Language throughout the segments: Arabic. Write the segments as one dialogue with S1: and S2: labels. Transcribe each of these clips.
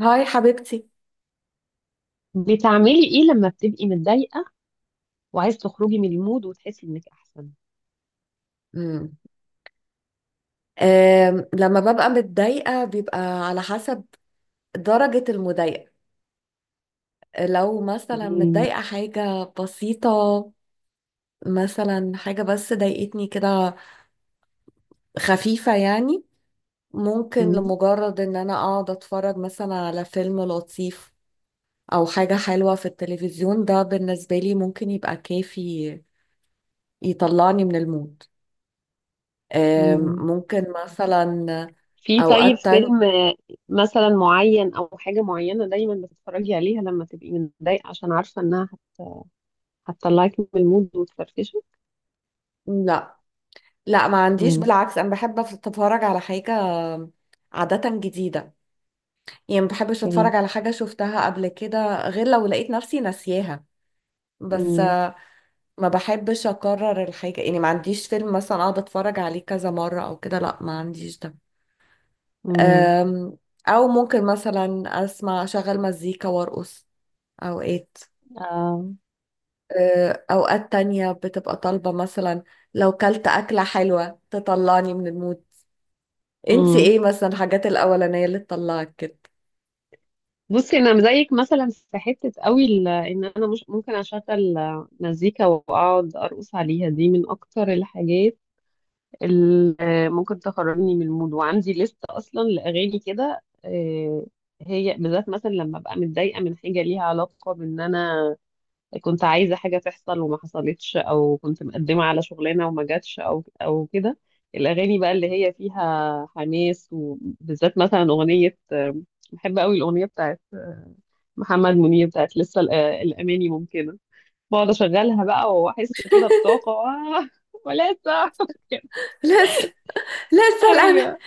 S1: هاي حبيبتي.
S2: بتعملي ايه لما بتبقي متضايقة وعايز تخرجي من المود وتحسي انك احسن؟
S1: امم أم، لما ببقى متضايقة بيبقى على حسب درجة المضايقة. لو مثلا
S2: مم.
S1: متضايقة حاجة بسيطة، مثلا حاجة بس ضايقتني كده، خفيفة يعني، ممكن
S2: مم.
S1: لمجرد ان انا اقعد اتفرج مثلا على فيلم لطيف او حاجة حلوة في التلفزيون، ده بالنسبة لي ممكن يبقى كافي يطلعني من المود.
S2: مم.
S1: ممكن مثلا
S2: في، طيب،
S1: اوقات تانية.
S2: فيلم مثلا معين او حاجة معينة دايما بتتفرجي عليها لما تبقي متضايقة عشان عارفة انها هت- هتطلعك من المود وتفرفشك؟
S1: لا لا، ما عنديش،
S2: مم.
S1: بالعكس انا بحب اتفرج على حاجة عادة جديدة، يعني ما بحبش اتفرج
S2: جميل.
S1: على حاجة شفتها قبل كده غير لو لقيت نفسي ناسياها. بس
S2: مم.
S1: ما بحبش اكرر الحاجة، يعني ما عنديش فيلم مثلا اقعد اتفرج عليه كذا مرة او كده، لا ما عنديش ده.
S2: مم.
S1: أم، او ممكن مثلا اسمع اشغل مزيكا وارقص اوقات.
S2: آه.
S1: اوقات تانية بتبقى طالبة مثلا لو كلت اكلة حلوة تطلعني من المود. انت
S2: مم.
S1: ايه مثلا الحاجات الاولانيه اللي تطلعك كده؟
S2: بصي، انا زيك مثلا في حته قوي، ان انا مش ممكن اشغل مزيكا واقعد ارقص عليها. دي من اكتر الحاجات ممكن تخرجني من المود، وعندي لستة أصلا لأغاني كده. هي بالذات مثلا لما أبقى متضايقة من حاجة ليها علاقة بإن أنا كنت عايزة حاجة تحصل وما حصلتش، أو كنت مقدمة على شغلانة وما جاتش، أو كده. الأغاني بقى اللي هي فيها حماس، وبالذات مثلا أغنية بحب قوي الأغنية بتاعت محمد منير بتاعت لسه الأماني ممكنة. بقعد أشغلها بقى وأحس كده بطاقة. ولسه
S1: لسه، لسه الان.
S2: ايوه.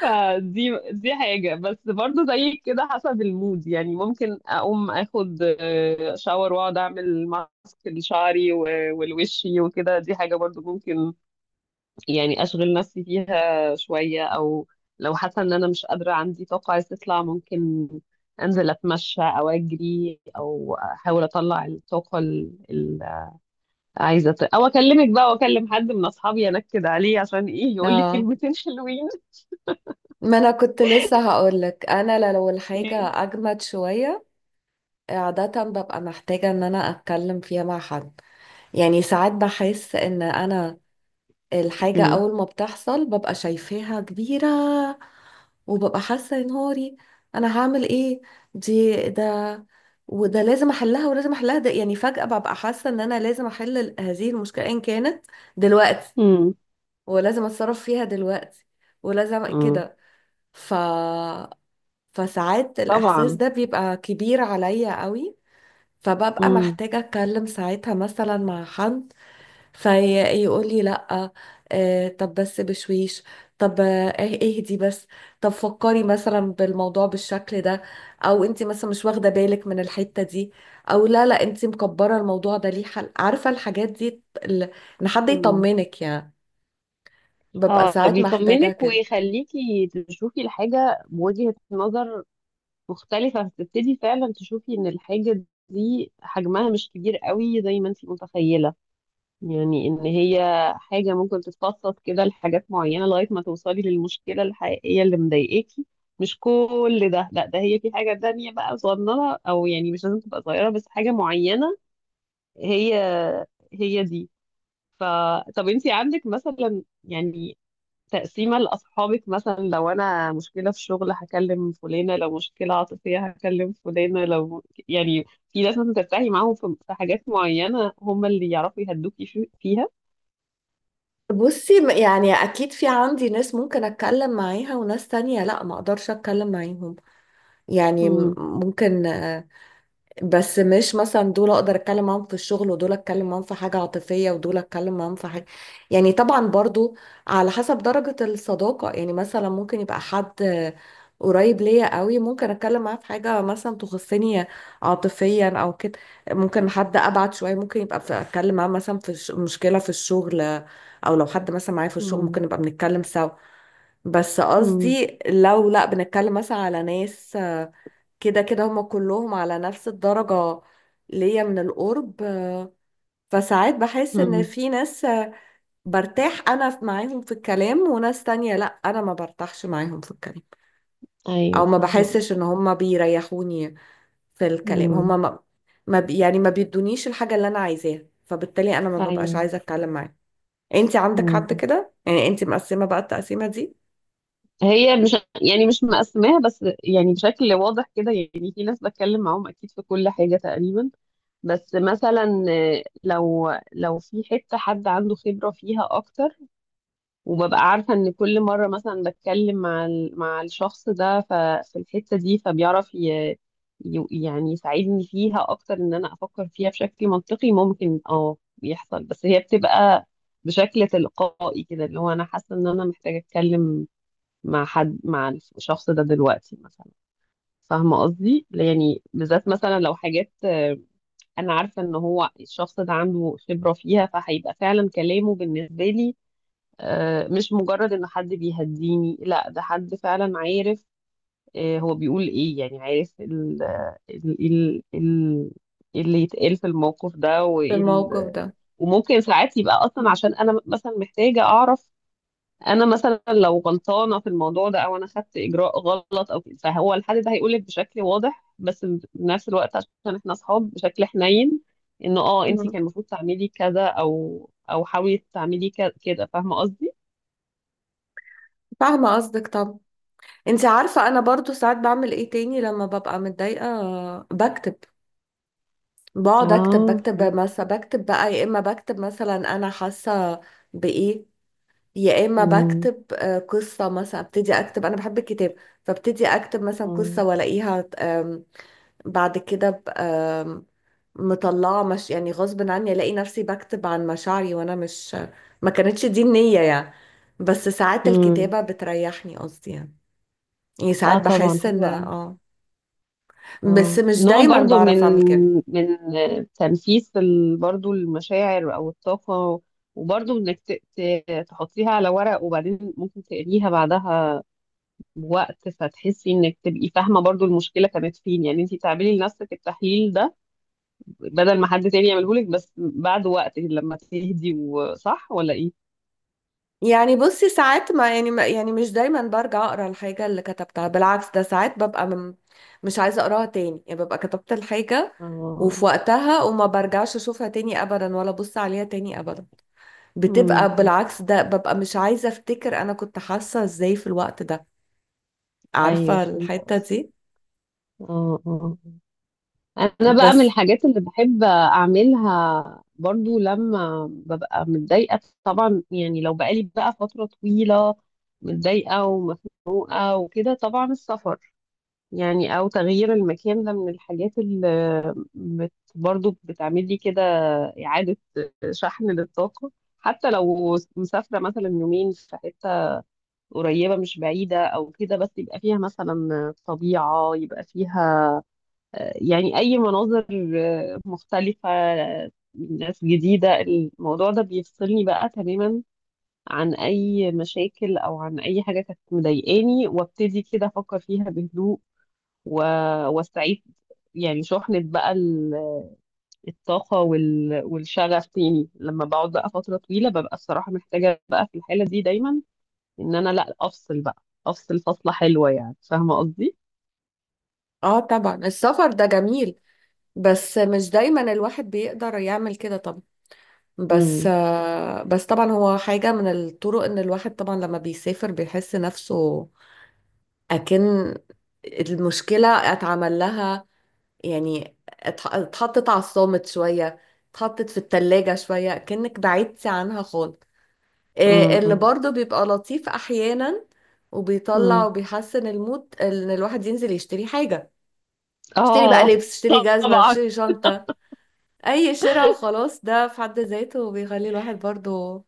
S2: فدي حاجة، بس برضو زي كده حسب المود، يعني ممكن أقوم أخد شاور وأقعد أعمل ماسك لشعري و- والوشي وكده. دي حاجة برضو ممكن يعني أشغل نفسي فيها شوية. أو لو حاسة إن أنا مش قادرة، عندي طاقة عايزة تطلع، ممكن أنزل أتمشى أو أجري أو أحاول أطلع الطاقة اللي عايزة أو أكلمك بقى وأكلم حد من أصحابي أنكد عليه عشان إيه يقول لي
S1: اه،
S2: كلمتين حلوين.
S1: ما انا كنت لسه هقولك انا لو الحاجه اجمد شويه، عاده ببقى محتاجه ان انا اتكلم فيها مع حد. يعني ساعات بحس ان انا الحاجة أول ما بتحصل ببقى شايفاها كبيرة، وببقى حاسة يا نهاري أنا هعمل إيه، دي، وده لازم أحلها يعني فجأة ببقى حاسة إن أنا لازم أحل هذه المشكلة إن كانت دلوقتي،
S2: مم.
S1: ولازم أتصرف فيها دلوقتي ولازم
S2: مم.
S1: كده. ف فساعات الإحساس
S2: طبعا.
S1: ده بيبقى كبير عليا قوي، فببقى
S2: امم.
S1: محتاجة أتكلم ساعتها مثلا مع حد فيقول لي لا آه، طب بس بشويش، طب آه ايه، اهدي بس، طب فكري مثلا بالموضوع بالشكل ده، او انت مثلا مش واخده بالك من الحته دي، او لا، انت مكبره الموضوع ده ليه حل، عارفه الحاجات دي ان حد
S2: مم.
S1: يطمنك يعني. ببقى
S2: اه،
S1: ساعات محتاجه
S2: بيطمنك
S1: كده.
S2: ويخليكي تشوفي الحاجة بوجهة نظر مختلفة، فتبتدي فعلا تشوفي ان الحاجة دي حجمها مش كبير قوي زي ما انت متخيلة. يعني ان هي حاجة ممكن تتفصص كده لحاجات معينة لغاية ما توصلي للمشكلة الحقيقية اللي مضايقاكي. مش كل ده، لا، ده هي في حاجة تانية بقى صغننة، او يعني مش لازم تبقى صغيرة بس حاجة معينة هي هي دي. ف طب انتي عندك مثلا يعني تقسيمة لأصحابك؟ مثلا لو أنا مشكلة في شغل هكلم فلانة، لو مشكلة عاطفية هكلم فلانة، لو يعني في ناس مثلا ترتاحي معاهم في حاجات معينة هم اللي يعرفوا يهدوكي فيها.
S1: بصي، يعني اكيد في عندي ناس ممكن اتكلم معاها وناس تانية لا ما اقدرش اتكلم معاهم، يعني
S2: امم.
S1: ممكن. بس مش مثلا دول اقدر اتكلم معاهم في الشغل ودول اتكلم معاهم في حاجة عاطفية ودول اتكلم معاهم في حاجة، يعني طبعا برضو على حسب درجة الصداقة. يعني مثلا ممكن يبقى حد قريب ليا قوي ممكن اتكلم معاه في حاجة مثلا تخصني عاطفيا او كده، ممكن حد ابعد شوية ممكن يبقى في اتكلم معاه مثلا في مشكلة في الشغل، او لو حد مثلا معايا في الشغل ممكن
S2: امم.
S1: نبقى بنتكلم سوا. بس
S2: امم.
S1: قصدي لو لا بنتكلم مثلا على ناس كده كده، هما كلهم على نفس الدرجة ليا من القرب. فساعات بحس ان
S2: امم.
S1: في ناس، برتاح انا معاهم في الكلام، وناس تانية لا انا ما برتاحش معاهم في الكلام،
S2: ايوه،
S1: او ما
S2: فاهمه
S1: بحسش
S2: قصدك.
S1: ان هما بيريحوني في الكلام،
S2: امم.
S1: هما ما ما بي- يعني ما بيدونيش الحاجة اللي انا عايزاها، فبالتالي انا ما ببقاش عايزة اتكلم معاهم. انت عندك حد
S2: ايوه،
S1: كده يعني؟ انت مقسمة بقى التقسيمة دي؟
S2: هي مش يعني مش مقسماها بس يعني بشكل واضح كده. يعني في ناس بتكلم معاهم اكيد في كل حاجة تقريبا. بس مثلا لو في حتة حد عنده خبرة فيها اكتر، وببقى عارفة ان كل مرة مثلا بتكلم مع الشخص ده في الحتة دي، فبيعرف يعني يساعدني فيها اكتر، ان انا افكر فيها بشكل منطقي ممكن اه يحصل. بس هي بتبقى بشكل تلقائي كده، اللي هو انا حاسة ان انا محتاجة اتكلم مع حد، مع الشخص ده دلوقتي مثلا. فاهمة قصدي يعني؟ بالذات مثلا لو حاجات أنا عارفة إن هو الشخص ده عنده خبرة فيها، فهيبقى فعلا كلامه بالنسبة لي مش مجرد إن حد بيهديني، لا ده حد فعلا عارف هو بيقول إيه، يعني عارف ال ال ال ال اللي يتقال في الموقف ده،
S1: في
S2: وإيه
S1: الموقف ده.
S2: وممكن ساعات يبقى أصلا
S1: مم.
S2: عشان أنا مثلا محتاجة أعرف انا مثلا لو غلطانه في الموضوع ده، او انا خدت اجراء غلط او كده، فهو الحد ده هيقولك بشكل واضح بس في نفس الوقت عشان احنا اصحاب بشكل حنين، انه انت
S1: مم.
S2: كان المفروض تعملي كذا او حاولي تعملي كده. فاهمه قصدي؟
S1: فاهمة قصدك طبعا. انت عارفة انا برضو ساعات بعمل ايه تاني لما ببقى متضايقة؟ بكتب، بقعد اكتب،
S2: اه،
S1: بكتب
S2: حلو.
S1: مثلا بكتب بقى، يا اما بكتب مثلا انا حاسة بايه، يا اما
S2: امم.
S1: بكتب قصة مثلا، ابتدي اكتب، انا بحب الكتاب، فابتدي اكتب مثلا قصة
S2: اه.
S1: والاقيها بعد كده ب- آم، مطلعة، مش يعني غصب عني، الاقي نفسي بكتب عن مشاعري وانا مش، ما كانتش دي النية يعني، بس ساعات
S2: امم.
S1: الكتابة بتريحني قصدي يعني. يعني ساعات
S2: اه، طبعا
S1: بحس ان
S2: حلوة.
S1: اه، بس
S2: اه،
S1: مش
S2: نوع
S1: دايما
S2: برضو من
S1: بعرف اعمل كده.
S2: من تنفيس برضو المشاعر او الطاقة، وبرضو انك تحطيها على ورق وبعدين ممكن تقريها بعدها بوقت، فتحسي انك تبقي فاهمة برضو المشكلة كانت فين. يعني انتي تعملي لنفسك التحليل ده بدل ما حد تاني يعمله لك، بس بعد وقت لما تهدي، وصح ولا ايه؟
S1: يعني بصي ساعات ما يعني ما يعني مش دايما برجع اقرا الحاجه اللي كتبتها، بالعكس ده ساعات ببقى مش عايزه اقراها تاني، يعني ببقى كتبت الحاجه وفي
S2: اه.
S1: وقتها وما برجعش اشوفها تاني ابدا ولا ابص عليها تاني ابدا.
S2: امم.
S1: بتبقى بالعكس ده، ببقى مش عايزه افتكر انا كنت حاسه ازاي في الوقت ده،
S2: ايوه
S1: عارفه
S2: فهمت
S1: الحته
S2: قصدي.
S1: دي.
S2: اه اه، انا بقى من
S1: بس
S2: الحاجات اللي بحب اعملها برضو لما ببقى متضايقه، طبعا يعني لو بقالي بقى فتره طويله متضايقه ومخنوقه وكده، طبعا السفر، يعني او تغيير المكان، ده من الحاجات اللي بت برضو بتعمل لي كده اعاده شحن للطاقه. حتى لو مسافره مثلا يومين في حته قريبه مش بعيده او كده، بس يبقى فيها مثلا طبيعه، يبقى فيها يعني أي مناظر مختلفة، ناس جديدة، الموضوع ده بيفصلني بقى تماما عن أي مشاكل، أو عن أي حاجة كانت مضايقاني، وابتدي كده أفكر فيها بهدوء و... واستعيد يعني شحنة بقى الطاقة والشغف تاني. لما بقعد بقى فترة طويلة ببقى الصراحة محتاجة بقى في الحالة دي دايما إن أنا لأ أفصل بقى أفصل فصلة حلوة. يعني فاهمة قصدي؟
S1: اه طبعا السفر ده جميل، بس مش دايما الواحد بيقدر يعمل كده طبعا. بس
S2: امم.
S1: بس طبعا هو حاجة من الطرق، ان الواحد طبعا لما بيسافر بيحس نفسه اكن المشكلة اتعمل لها، يعني اتحطت على الصامت شوية، اتحطت في التلاجة شوية كأنك بعدتي عنها خالص. اللي
S2: امم.
S1: برضه بيبقى لطيف احيانا وبيطلع
S2: امم.
S1: وبيحسن المود ان الواحد ينزل يشتري حاجة. اشتري بقى
S2: اه،
S1: لبس، اشتري جزمة،
S2: طبعا.
S1: اشتري شنطة، اي شراء وخلاص، ده في حد ذاته بيخلي الواحد برضه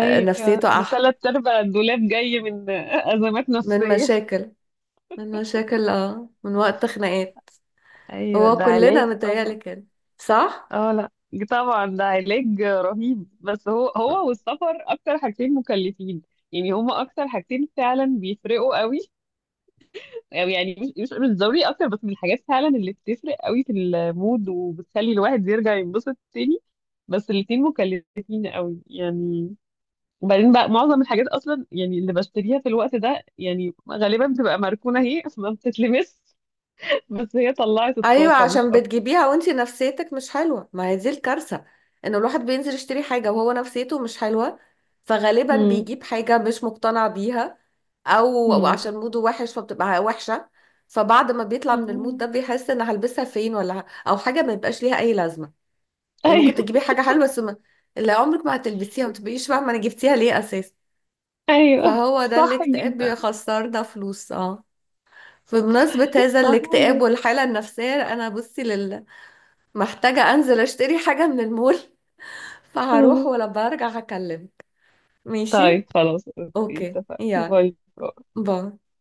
S1: نفسيته
S2: ده
S1: احلى،
S2: تلات ارباع الدولاب جاي من ازمات
S1: من
S2: نفسيه.
S1: مشاكل، من مشاكل اه، من وقت خناقات.
S2: ايوه
S1: هو
S2: ده علاج
S1: كلنا متهيألي
S2: طبعا.
S1: كده، صح؟
S2: اه لا، طبعا ده علاج رهيب، بس هو والسفر اكتر حاجتين مكلفين يعني. هما اكتر حاجتين فعلا بيفرقوا قوي، أو يعني مش ضروري اكتر، بس من الحاجات فعلا اللي بتفرق قوي في المود وبتخلي الواحد يرجع ينبسط تاني. بس الاتنين مكلفين قوي يعني. وبعدين بقى معظم الحاجات اصلا يعني اللي بشتريها في الوقت ده يعني غالبا بتبقى مركونه، هي ما بتتلمس. بس هي طلعت
S1: ايوه
S2: الطاقه مش
S1: عشان
S2: اكتر.
S1: بتجيبيها وانتي نفسيتك مش حلوه، ما هي دي الكارثه، ان الواحد بينزل يشتري حاجه وهو نفسيته مش حلوه، فغالبا
S2: مم.
S1: بيجيب حاجه مش مقتنع بيها، او أو
S2: مم.
S1: عشان موده وحش فبتبقى وحشه، فبعد ما بيطلع من المود ده
S2: مم.
S1: بيحس ان هلبسها فين، او حاجه ما يبقاش ليها اي لازمه. يعني ممكن
S2: ايوه.
S1: تجيبي حاجه حلوه بس اللي عمرك ما هتلبسيها، ما تبقيش فاهمه انا جبتيها ليه اساسا.
S2: ايوه
S1: فهو ده
S2: صح
S1: الاكتئاب
S2: جدا.
S1: بيخسرنا فلوس اه. بمناسبة هذا
S2: صح
S1: الاكتئاب
S2: جدا.
S1: والحالة النفسية أنا بصي لله محتاجة أنزل أشتري حاجة من المول. فهروح
S2: آه.
S1: ولما أرجع هكلمك، ماشي؟
S2: طيب خلاص، اوكي،
S1: أوكي
S2: اتفقنا.
S1: يلا،
S2: باي باي.
S1: باي.